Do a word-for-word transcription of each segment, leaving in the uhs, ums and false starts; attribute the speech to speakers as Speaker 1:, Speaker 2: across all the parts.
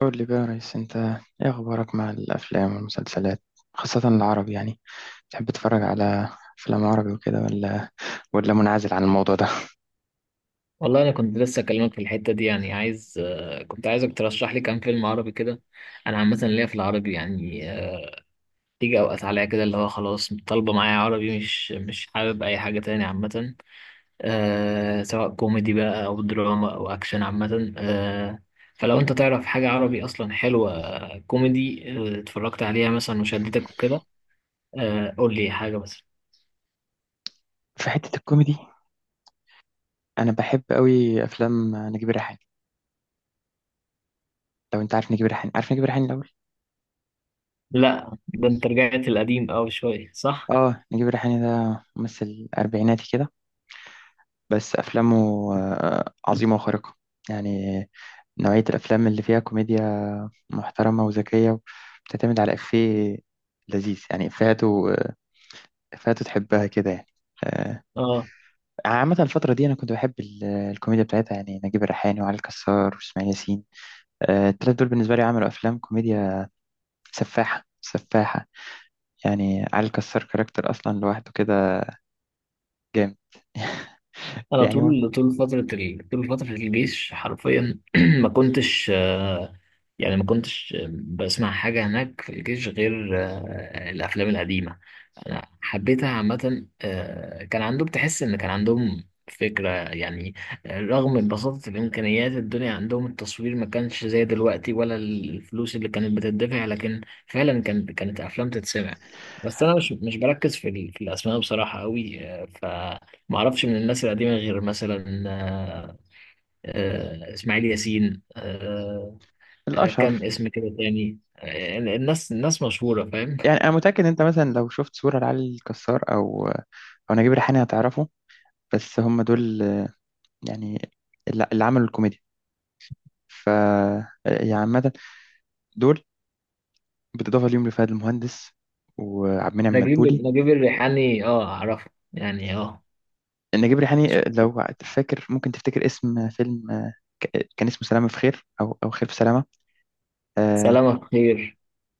Speaker 1: قول لي بقى يا ريس. انت ايه اخبارك مع الافلام والمسلسلات، خاصة العربي؟ يعني تحب تتفرج على افلام عربي وكده ولا ولا منعزل عن الموضوع ده؟
Speaker 2: والله انا كنت لسه اكلمك في الحته دي يعني عايز آه، كنت عايزك ترشح لي كام فيلم عربي كده. انا عامه ليا في العربي يعني آه، تيجي اوقات عليا كده اللي هو خلاص طالبه معايا عربي مش مش حابب اي حاجه تاني عامه. أه سواء كوميدي بقى او دراما او اكشن عامه أه فلو انت تعرف حاجه عربي اصلا حلوه آه، كوميدي آه، اتفرجت عليها مثلا وشدتك وكده. أه قول لي حاجه بس.
Speaker 1: في حتة الكوميدي، انا بحب قوي افلام نجيب الريحاني. لو انت عارف نجيب الريحاني، عارف نجيب الريحاني الاول.
Speaker 2: لا، ده انت رجعت القديم قوي شويه، صح؟
Speaker 1: اه، نجيب الريحاني ده ممثل اربعيناتي كده، بس افلامه آه، عظيمة وخارقة. يعني نوعية الافلام اللي فيها كوميديا محترمة وذكية، بتعتمد على إفيه لذيذ، يعني إفيهاته آه، فتتحبها كده يعني. آه،
Speaker 2: اه.
Speaker 1: عامة الفترة دي أنا كنت بحب ال- الكوميديا بتاعتها، يعني نجيب الريحاني وعلي الكسار وإسماعيل ياسين. آه، التلاتة دول بالنسبة لي عملوا أفلام كوميديا سفاحة سفاحة. يعني علي الكسار كاركتر أصلا لوحده كده، جامد.
Speaker 2: انا
Speaker 1: يعني هو
Speaker 2: طول طول فتره ال... طول فتره الجيش حرفيا ما كنتش، آه، يعني ما كنتش آه، بسمع حاجه هناك في الجيش غير آه، الافلام القديمه. انا حبيتها عامه، آه، كان عندهم تحس ان كان عندهم فكره يعني. رغم من بساطه الامكانيات الدنيا عندهم، التصوير ما كانش زي دلوقتي ولا الفلوس اللي كانت بتدفع، لكن فعلا كانت كانت افلام تتسمع. بس انا مش مش بركز في ال- في الاسماء بصراحه قوي. ف ما اعرفش من الناس القديمه غير مثلا آه، آه، اسماعيل ياسين آه، آه،
Speaker 1: الأشهر.
Speaker 2: كم اسم كده تاني، آه، الناس الناس مشهوره، فاهم.
Speaker 1: يعني أنا متأكد إن أنت مثلا لو شفت صورة لعلي الكسار أو أو نجيب الريحاني هتعرفه. بس هم دول، آه، يعني اللي اللي عملوا الكوميديا. ف آه، يعني عامة دول، بالإضافة ليهم لفهد المهندس وعبد المنعم
Speaker 2: نجيب
Speaker 1: مدبولي.
Speaker 2: نجيب الريحاني، اه، اعرفه يعني. اه.
Speaker 1: نجيب ريحاني، آه، لو فاكر ممكن تفتكر اسم فيلم. آه، ك- كان اسمه سلامة في خير أو أو خير في سلامة. آه,
Speaker 2: سلامة خير.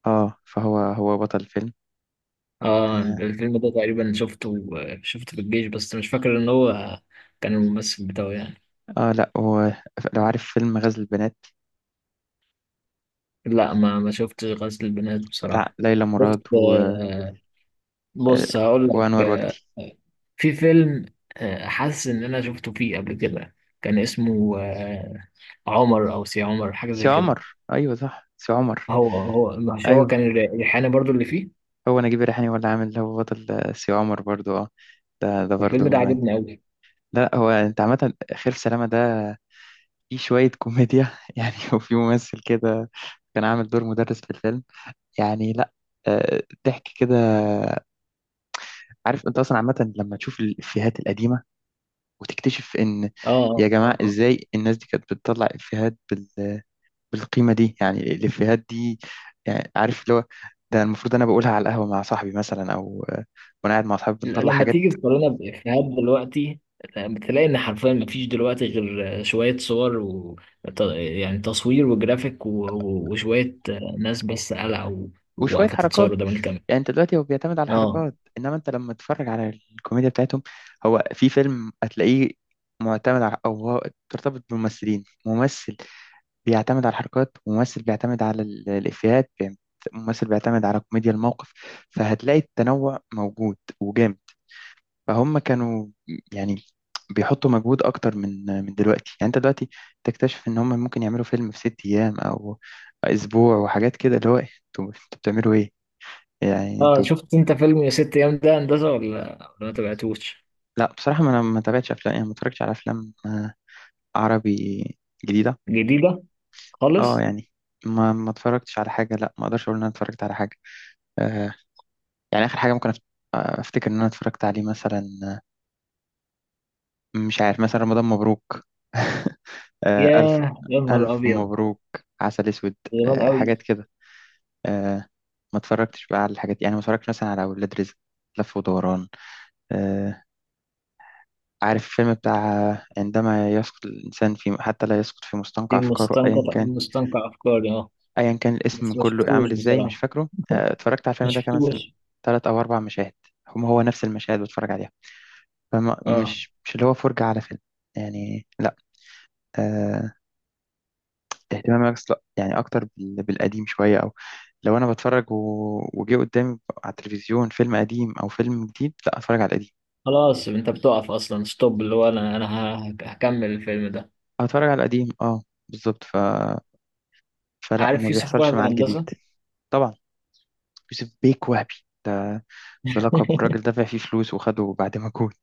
Speaker 1: آه فهو هو بطل الفيلم.
Speaker 2: اه،
Speaker 1: آه,
Speaker 2: الفيلم ده تقريبا شفته آه، شفته في الجيش، بس مش فاكر ان هو كان الممثل بتاعه يعني.
Speaker 1: آه لا، هو لو عارف فيلم غزل البنات،
Speaker 2: لا، ما ما شفتش غزل البنات
Speaker 1: بتاع
Speaker 2: بصراحه.
Speaker 1: ليلى مراد
Speaker 2: شفت
Speaker 1: و آه،
Speaker 2: بص هقول لك
Speaker 1: وأنور
Speaker 2: آه،
Speaker 1: وجدي.
Speaker 2: في فيلم، آه، حاسس ان انا شفته فيه قبل كده، كان اسمه آه، عمر او سي عمر حاجه زي
Speaker 1: سي
Speaker 2: كده.
Speaker 1: عمر، أيوه صح، سي عمر.
Speaker 2: هو هو مش هو
Speaker 1: أيوه،
Speaker 2: كان الر- ريحانه برضو اللي فيه؟
Speaker 1: هو نجيب ريحاني هو اللي عامل، هو بطل آه، سي عمر برضو. آه، ده ده
Speaker 2: الفيلم ده
Speaker 1: برضو. آه،
Speaker 2: عجبني قوي.
Speaker 1: لا، هو أنت عامة خير في سلامة ده فيه شوية كوميديا. يعني وفي ممثل كده كان عامل دور مدرس في الفيلم، يعني لا، آه، ضحك كده. عارف انت اصلا عامه لما تشوف الافيهات القديمه وتكتشف ان،
Speaker 2: اه،
Speaker 1: يا
Speaker 2: اه،
Speaker 1: جماعه،
Speaker 2: آه. آه.
Speaker 1: ازاي الناس دي كانت بتطلع افيهات بال... بالقيمه دي؟ يعني الافيهات دي، يعني عارف اللي هو، ده المفروض انا بقولها على القهوه مع صاحبي مثلا، او آه، وانا قاعد مع صاحبي
Speaker 2: ل-
Speaker 1: بنطلع
Speaker 2: لما
Speaker 1: حاجات.
Speaker 2: تيجي تقارنها بافيهات دلوقتي، بتلاقي ان حرفيا مفيش دلوقتي غير آه، شويه صور، و ت- يعني تصوير وجرافيك و- و- وشويه آه، ناس بس قلعوا
Speaker 1: وشويه
Speaker 2: وواقفه تتصور
Speaker 1: حركات.
Speaker 2: قدام الكاميرا.
Speaker 1: يعني انت دلوقتي هو بيعتمد على
Speaker 2: اه،
Speaker 1: الحركات، انما انت لما تتفرج على الكوميديا بتاعتهم، هو في فيلم هتلاقيه معتمد على، او هو ترتبط بممثلين، ممثل بيعتمد على الحركات، وممثل بيعتمد على ال- الإفيهات بيعت- ممثل بيعتمد على كوميديا الموقف. فهتلاقي التنوع موجود وجامد. فهم كانوا، يعني، بيحطوا مجهود أكتر من من دلوقتي. يعني أنت دلوقتي تكتشف إن هم ممكن يعملوا فيلم في ست أيام أو أسبوع وحاجات كده، اللي هو إيه، أنتوا أنتوا بتعملوا إيه؟ يعني
Speaker 2: اه،
Speaker 1: أنتوا.
Speaker 2: شفت انت فيلم يا ست ايام ده، هندسه ولا ولا ما تبعتوش؟
Speaker 1: لا بصراحة، ما أنا ما تابعتش أفلام، يعني ما اتفرجتش على أفلام آه، عربي جديدة.
Speaker 2: جديدة
Speaker 1: أه
Speaker 2: خالص.
Speaker 1: يعني ما ما اتفرجتش على حاجة. لا ما أقدرش أقول إن أنا اتفرجت على حاجة. آه، يعني آخر حاجة ممكن أفت- آه، أفتكر إن أنا اتفرجت عليه، مثلا، آه، مش عارف، مثلا رمضان مبروك آه، ألف
Speaker 2: ياه، يا نهار
Speaker 1: ألف
Speaker 2: أبيض!
Speaker 1: مبروك، عسل أسود،
Speaker 2: زمان
Speaker 1: آه،
Speaker 2: أوي.
Speaker 1: حاجات كده. آه، ما اتفرجتش بقى على الحاجات، يعني ما اتفرجتش مثلا على أولاد رزق، لف ودوران. آه، عارف الفيلم بتاع آه، عندما يسقط الإنسان في حتى لا يسقط في مستنقع
Speaker 2: في
Speaker 1: أفكاره،
Speaker 2: مستنقع
Speaker 1: أيا كان،
Speaker 2: مستنقع أفكاري، أه
Speaker 1: أيا كان الاسم
Speaker 2: بس ما
Speaker 1: كله
Speaker 2: شفتوش
Speaker 1: عامل إزاي، مش
Speaker 2: بصراحة،
Speaker 1: فاكره. آه، اتفرجت على الفيلم
Speaker 2: ما
Speaker 1: ده، كان مثلا
Speaker 2: شفتوش.
Speaker 1: تلات أو أربع مشاهد هم هو نفس المشاهد بتفرج عليها، فما
Speaker 2: أه
Speaker 1: مش مش اللي هو فرجة على فيلم، يعني لا. آه اهتمامي أكس- لا يعني أكتر بال- بالقديم شوية. أو لو أنا بتفرج و- وجي قدامي على التلفزيون فيلم قديم أو فيلم جديد، لا أتفرج على القديم.
Speaker 2: خلاص، أنت بتقف أصلا ستوب اللي هو أنا أنا ه- هكمل الفيلم ده.
Speaker 1: أتفرج على القديم، أه، بالظبط. ف... فلا ما
Speaker 2: عارف يوسف
Speaker 1: بيحصلش
Speaker 2: وهبي،
Speaker 1: مع الجديد.
Speaker 2: هندسة؟
Speaker 1: طبعا، يوسف بيك وهبي، ده ده لقب الراجل دفع فيه فلوس وخده بعد مجهود.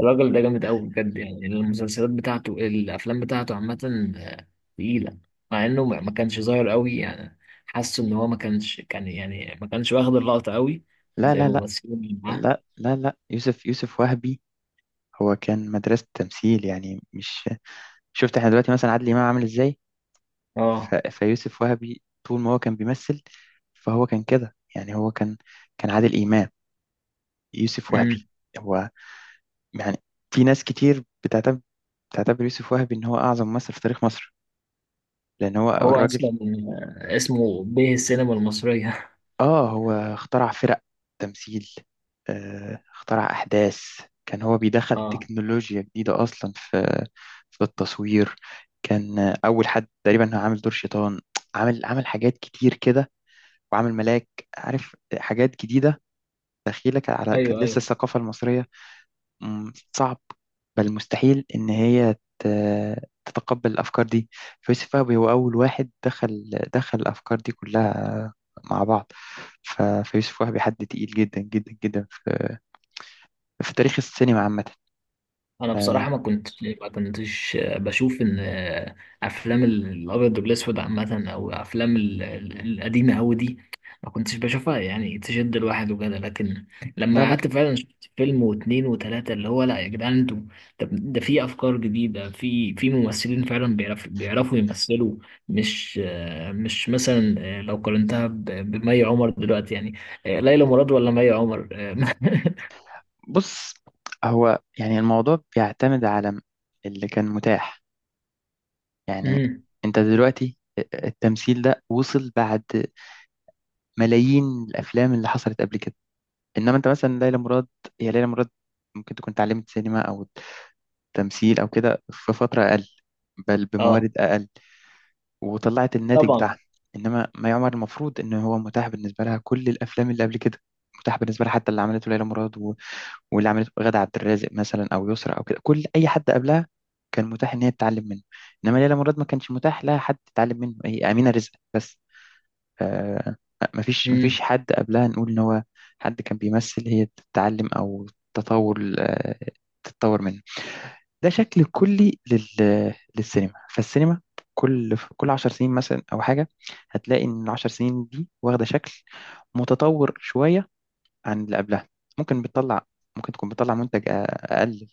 Speaker 2: الراجل ده جامد أوي بجد، يعني المسلسلات بتاعته الأفلام بتاعته عامة آه، تقيلة. مع إنه ما ما كانش ظاهر أوي يعني. حاسه إن هو ما كانش كان يعني ما كانش واخد اللقطة أوي،
Speaker 1: لا
Speaker 2: زي
Speaker 1: لا لا
Speaker 2: الممثلين اللي معاه.
Speaker 1: لا لا لا، يوسف يوسف وهبي هو كان مدرسة تمثيل، يعني مش. شفت احنا دلوقتي مثلا عادل إمام عامل ازاي؟ ف...
Speaker 2: أه.
Speaker 1: فيوسف وهبي طول ما هو كان بيمثل، فهو كان كده، يعني هو كان كان عادل إمام. يوسف وهبي، هو، يعني، في ناس كتير بتعتبر بتعتبر يوسف وهبي إن هو أعظم ممثل في تاريخ مصر، لأن هو
Speaker 2: هو
Speaker 1: الراجل.
Speaker 2: اصلا اسمه به السينما المصريه.
Speaker 1: آه هو اخترع فرق تمثيل، آه اخترع أحداث. كان هو بيدخل
Speaker 2: اه،
Speaker 1: تكنولوجيا جديدة أصلا في في التصوير. كان آه، أول حد تقريبا هو عامل دور شيطان، عامل عامل حاجات كتير كده، وعامل ملاك. عارف، حاجات جديدة. تخيلك على كانت
Speaker 2: ايوه،
Speaker 1: لسه
Speaker 2: ايوه.
Speaker 1: الثقافة المصرية م- صعب، بل مستحيل إن هي ت- تتقبل الأفكار دي. فيوسف فهمي هو أول واحد دخل دخل الأفكار دي كلها مع بعض. ف- فيوسف وهبي حد تقيل جدا جدا جدا في, في تاريخ السينما عامة.
Speaker 2: انا بصراحه ما كنت ما كنتش بشوف ان افلام الابيض والاسود عامه او افلام ال- ال- القديمه قوي دي، ما كنتش بشوفها يعني تشد الواحد وكده. لكن
Speaker 1: لا
Speaker 2: لما
Speaker 1: لا،
Speaker 2: قعدت فعلا شفت فيلم واتنين وتلاته اللي هو لا يا جدعان انتوا. طب ده في افكار جديده، في في ممثلين فعلا بيعرف بيعرفوا يمثلوا. مش مش مثلا لو قارنتها ب- بمي عمر دلوقتي يعني. ليلى مراد ولا مي عمر؟
Speaker 1: بص، هو يعني الموضوع بيعتمد على اللي كان متاح. يعني
Speaker 2: امم.
Speaker 1: انت دلوقتي، التمثيل ده وصل بعد ملايين الافلام اللي حصلت قبل كده. انما انت مثلا ليلى مراد، هي ليلى مراد ممكن تكون اتعلمت سينما او تمثيل او كده في فتره اقل، بل
Speaker 2: اه،
Speaker 1: بموارد اقل، وطلعت الناتج
Speaker 2: طبعا.
Speaker 1: بتاعها. انما مي عمر المفروض ان هو متاح بالنسبه لها كل الافلام اللي قبل كده، متاح بالنسبه لها حتى اللي عملته ليلى مراد، و... واللي عملته غادة عبد الرازق مثلا، او يسرا، او كده، كل اي حد قبلها كان متاح ان هي تتعلم منه. انما ليلى مراد ما كانش متاح لها حد تتعلم منه، هي امينه رزق بس. آه، مفيش مفيش حد قبلها نقول إن هو حد كان بيمثل هي تتعلم أو تطور آه، تتطور منه. ده شكل كلي لل- للسينما. فالسينما كل كل عشر سنين مثلا أو حاجة، هتلاقي إن العشر سنين دي واخدة شكل متطور شوية عن اللي قبلها. ممكن بتطلع ممكن تكون بتطلع منتج أ- أقل.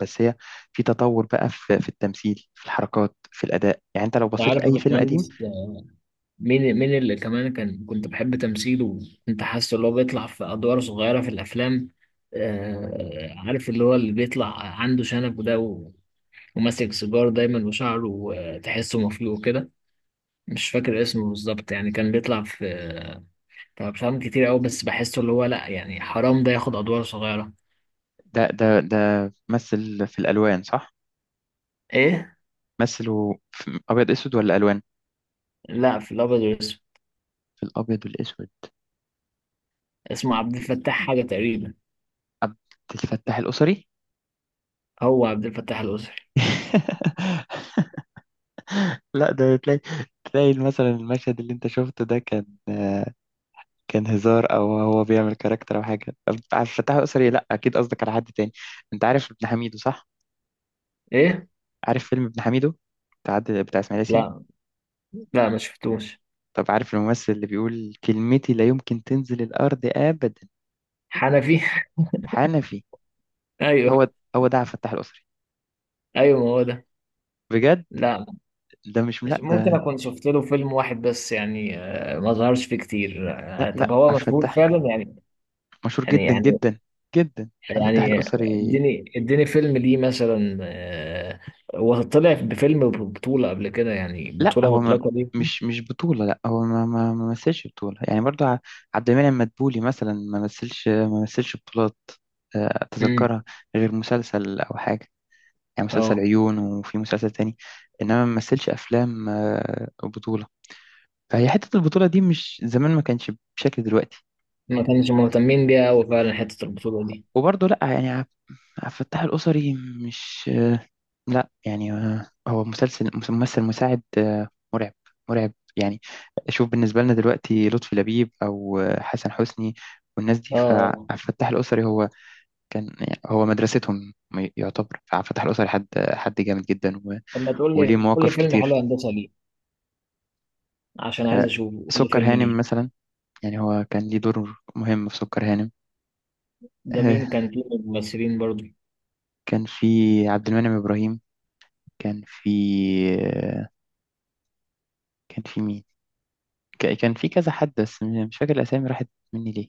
Speaker 1: بس هي في تطور بقى في في التمثيل، في الحركات، في الأداء. يعني أنت لو بصيت
Speaker 2: عارف يا
Speaker 1: لأي فيلم قديم.
Speaker 2: باشمهندس، مين مين اللي كمان كان كنت بحب تمثيله، كنت حاسس اللي هو بيطلع في أدوار صغيرة في الأفلام. آه عارف اللي هو اللي بيطلع عنده شنب وده و- وماسك سيجار دايما، وشعره آه، تحسه مفلوق كده. مش فاكر اسمه بالظبط يعني، كان بيطلع في في أفلام كتير أوي، بس بحسه اللي هو لأ يعني حرام ده ياخد أدوار صغيرة.
Speaker 1: ده ده ده مثل في الألوان صح؟
Speaker 2: إيه؟
Speaker 1: مثل في ابيض اسود ولا الوان؟
Speaker 2: لأ، في الأبيض والأسود.
Speaker 1: في الابيض والاسود.
Speaker 2: اسمه عبد الفتاح حاجة تقريبا.
Speaker 1: عبد الفتاح الاسري؟
Speaker 2: هو عبد الفتاح الأسري؟
Speaker 1: لا، ده تلاقي تلاقي مثلا المشهد اللي انت شفته ده كان، آه، كان هزار، او هو بيعمل كاركتر او حاجه. عبد الفتاح الاسري؟ لا، اكيد قصدك على حد تاني. انت عارف ابن حميدو صح؟
Speaker 2: إيه؟
Speaker 1: عارف فيلم ابن حميدو بتاع عاد- بتاع اسماعيل ياسين.
Speaker 2: لأ، لأ، ما شفتوش.
Speaker 1: طب عارف الممثل اللي بيقول: كلمتي لا يمكن تنزل الارض ابدا؟
Speaker 2: حنفي.
Speaker 1: حنفي.
Speaker 2: ايوه،
Speaker 1: هو هو ده عبد الفتاح الاسري.
Speaker 2: ايوه، ما هو ده.
Speaker 1: بجد.
Speaker 2: لا،
Speaker 1: ده مش، لا
Speaker 2: مش ممكن
Speaker 1: ده،
Speaker 2: اكون شفت له فيلم واحد بس يعني، آه، ما ظهرش فيه كتير.
Speaker 1: لا
Speaker 2: آه، طب
Speaker 1: لا،
Speaker 2: هو
Speaker 1: عبد
Speaker 2: مشهور
Speaker 1: الفتاح
Speaker 2: فعلا يعني؟
Speaker 1: مشهور
Speaker 2: يعني
Speaker 1: جدا
Speaker 2: يعني
Speaker 1: جدا جدا، الفتاح
Speaker 2: يعني.
Speaker 1: الأسري.
Speaker 2: اديني اديني فيلم ليه مثلا، آه، هو طلع بفيلم بطولة قبل كده، يعني
Speaker 1: لا،
Speaker 2: بطولة
Speaker 1: هو ما،
Speaker 2: مطلقة دي؟
Speaker 1: مش مش بطولة. لا هو ما ما ما مثلش بطولة، يعني برضو ع- عبد المنعم مدبولي مثلا ما مثلش ما مثلش بطولات. آه،
Speaker 2: امم.
Speaker 1: أتذكرها غير مسلسل أو حاجة. يعني مسلسل
Speaker 2: اه.
Speaker 1: عيون وفي مسلسل تاني. إنما ما مثلش أفلام آه، بطولة. فهي حتة البطولة دي مش زمان ما كانش بشكل دلوقتي.
Speaker 2: ما كانش مهتمين بيها قوي فعلا حتة البطولة دي.
Speaker 1: وبرضو لا يعني، ع- عبد الفتاح الأسري مش، لا يعني، آه، هو مسلسل ممثل مساعد آه، مرعب، مرعب يعني. شوف، بالنسبة لنا دلوقتي لطفي لبيب أو آه، حسن حسني والناس دي،
Speaker 2: اه.
Speaker 1: فعبد
Speaker 2: آه.
Speaker 1: الفتاح الأسري هو كان، يعني هو مدرستهم، م- يعتبر. فعبد الفتاح الأسري حد حد جامد جدا، و-
Speaker 2: طب ما تقول
Speaker 1: وليه
Speaker 2: لي قول لي
Speaker 1: مواقف
Speaker 2: فيلم
Speaker 1: كتير.
Speaker 2: حلو هندسة ليه، عشان عايز
Speaker 1: آه،
Speaker 2: اشوفه، قول لي
Speaker 1: سكر
Speaker 2: فيلم
Speaker 1: هانم
Speaker 2: ليه.
Speaker 1: مثلا. يعني هو كان ليه دور مهم في سكر هانم.
Speaker 2: ده
Speaker 1: آه،
Speaker 2: مين كان فيه من الممثلين برضه؟
Speaker 1: كان في عبد المنعم إبراهيم، كان في آه، كان في مين، ك- كان في كذا حد، بس مش فاكر الأسامي، راحت مني ليه.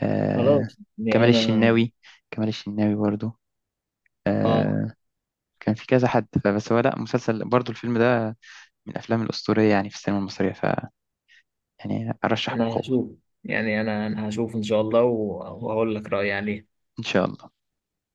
Speaker 1: آه
Speaker 2: خلاص.
Speaker 1: كمال
Speaker 2: يعني انا
Speaker 1: الشناوي. كمال الشناوي برضو.
Speaker 2: اه
Speaker 1: آه كان في كذا حد فبس. هو لا، مسلسل برضو، الفيلم ده من الأفلام الأسطورية يعني في السينما المصرية. ف، يعني، أرشح
Speaker 2: انا
Speaker 1: بقوة.
Speaker 2: هشوف. يعني انا انا هشوف ان شاء الله، و- وهقول لك رأيي عليه.
Speaker 1: إن شاء الله.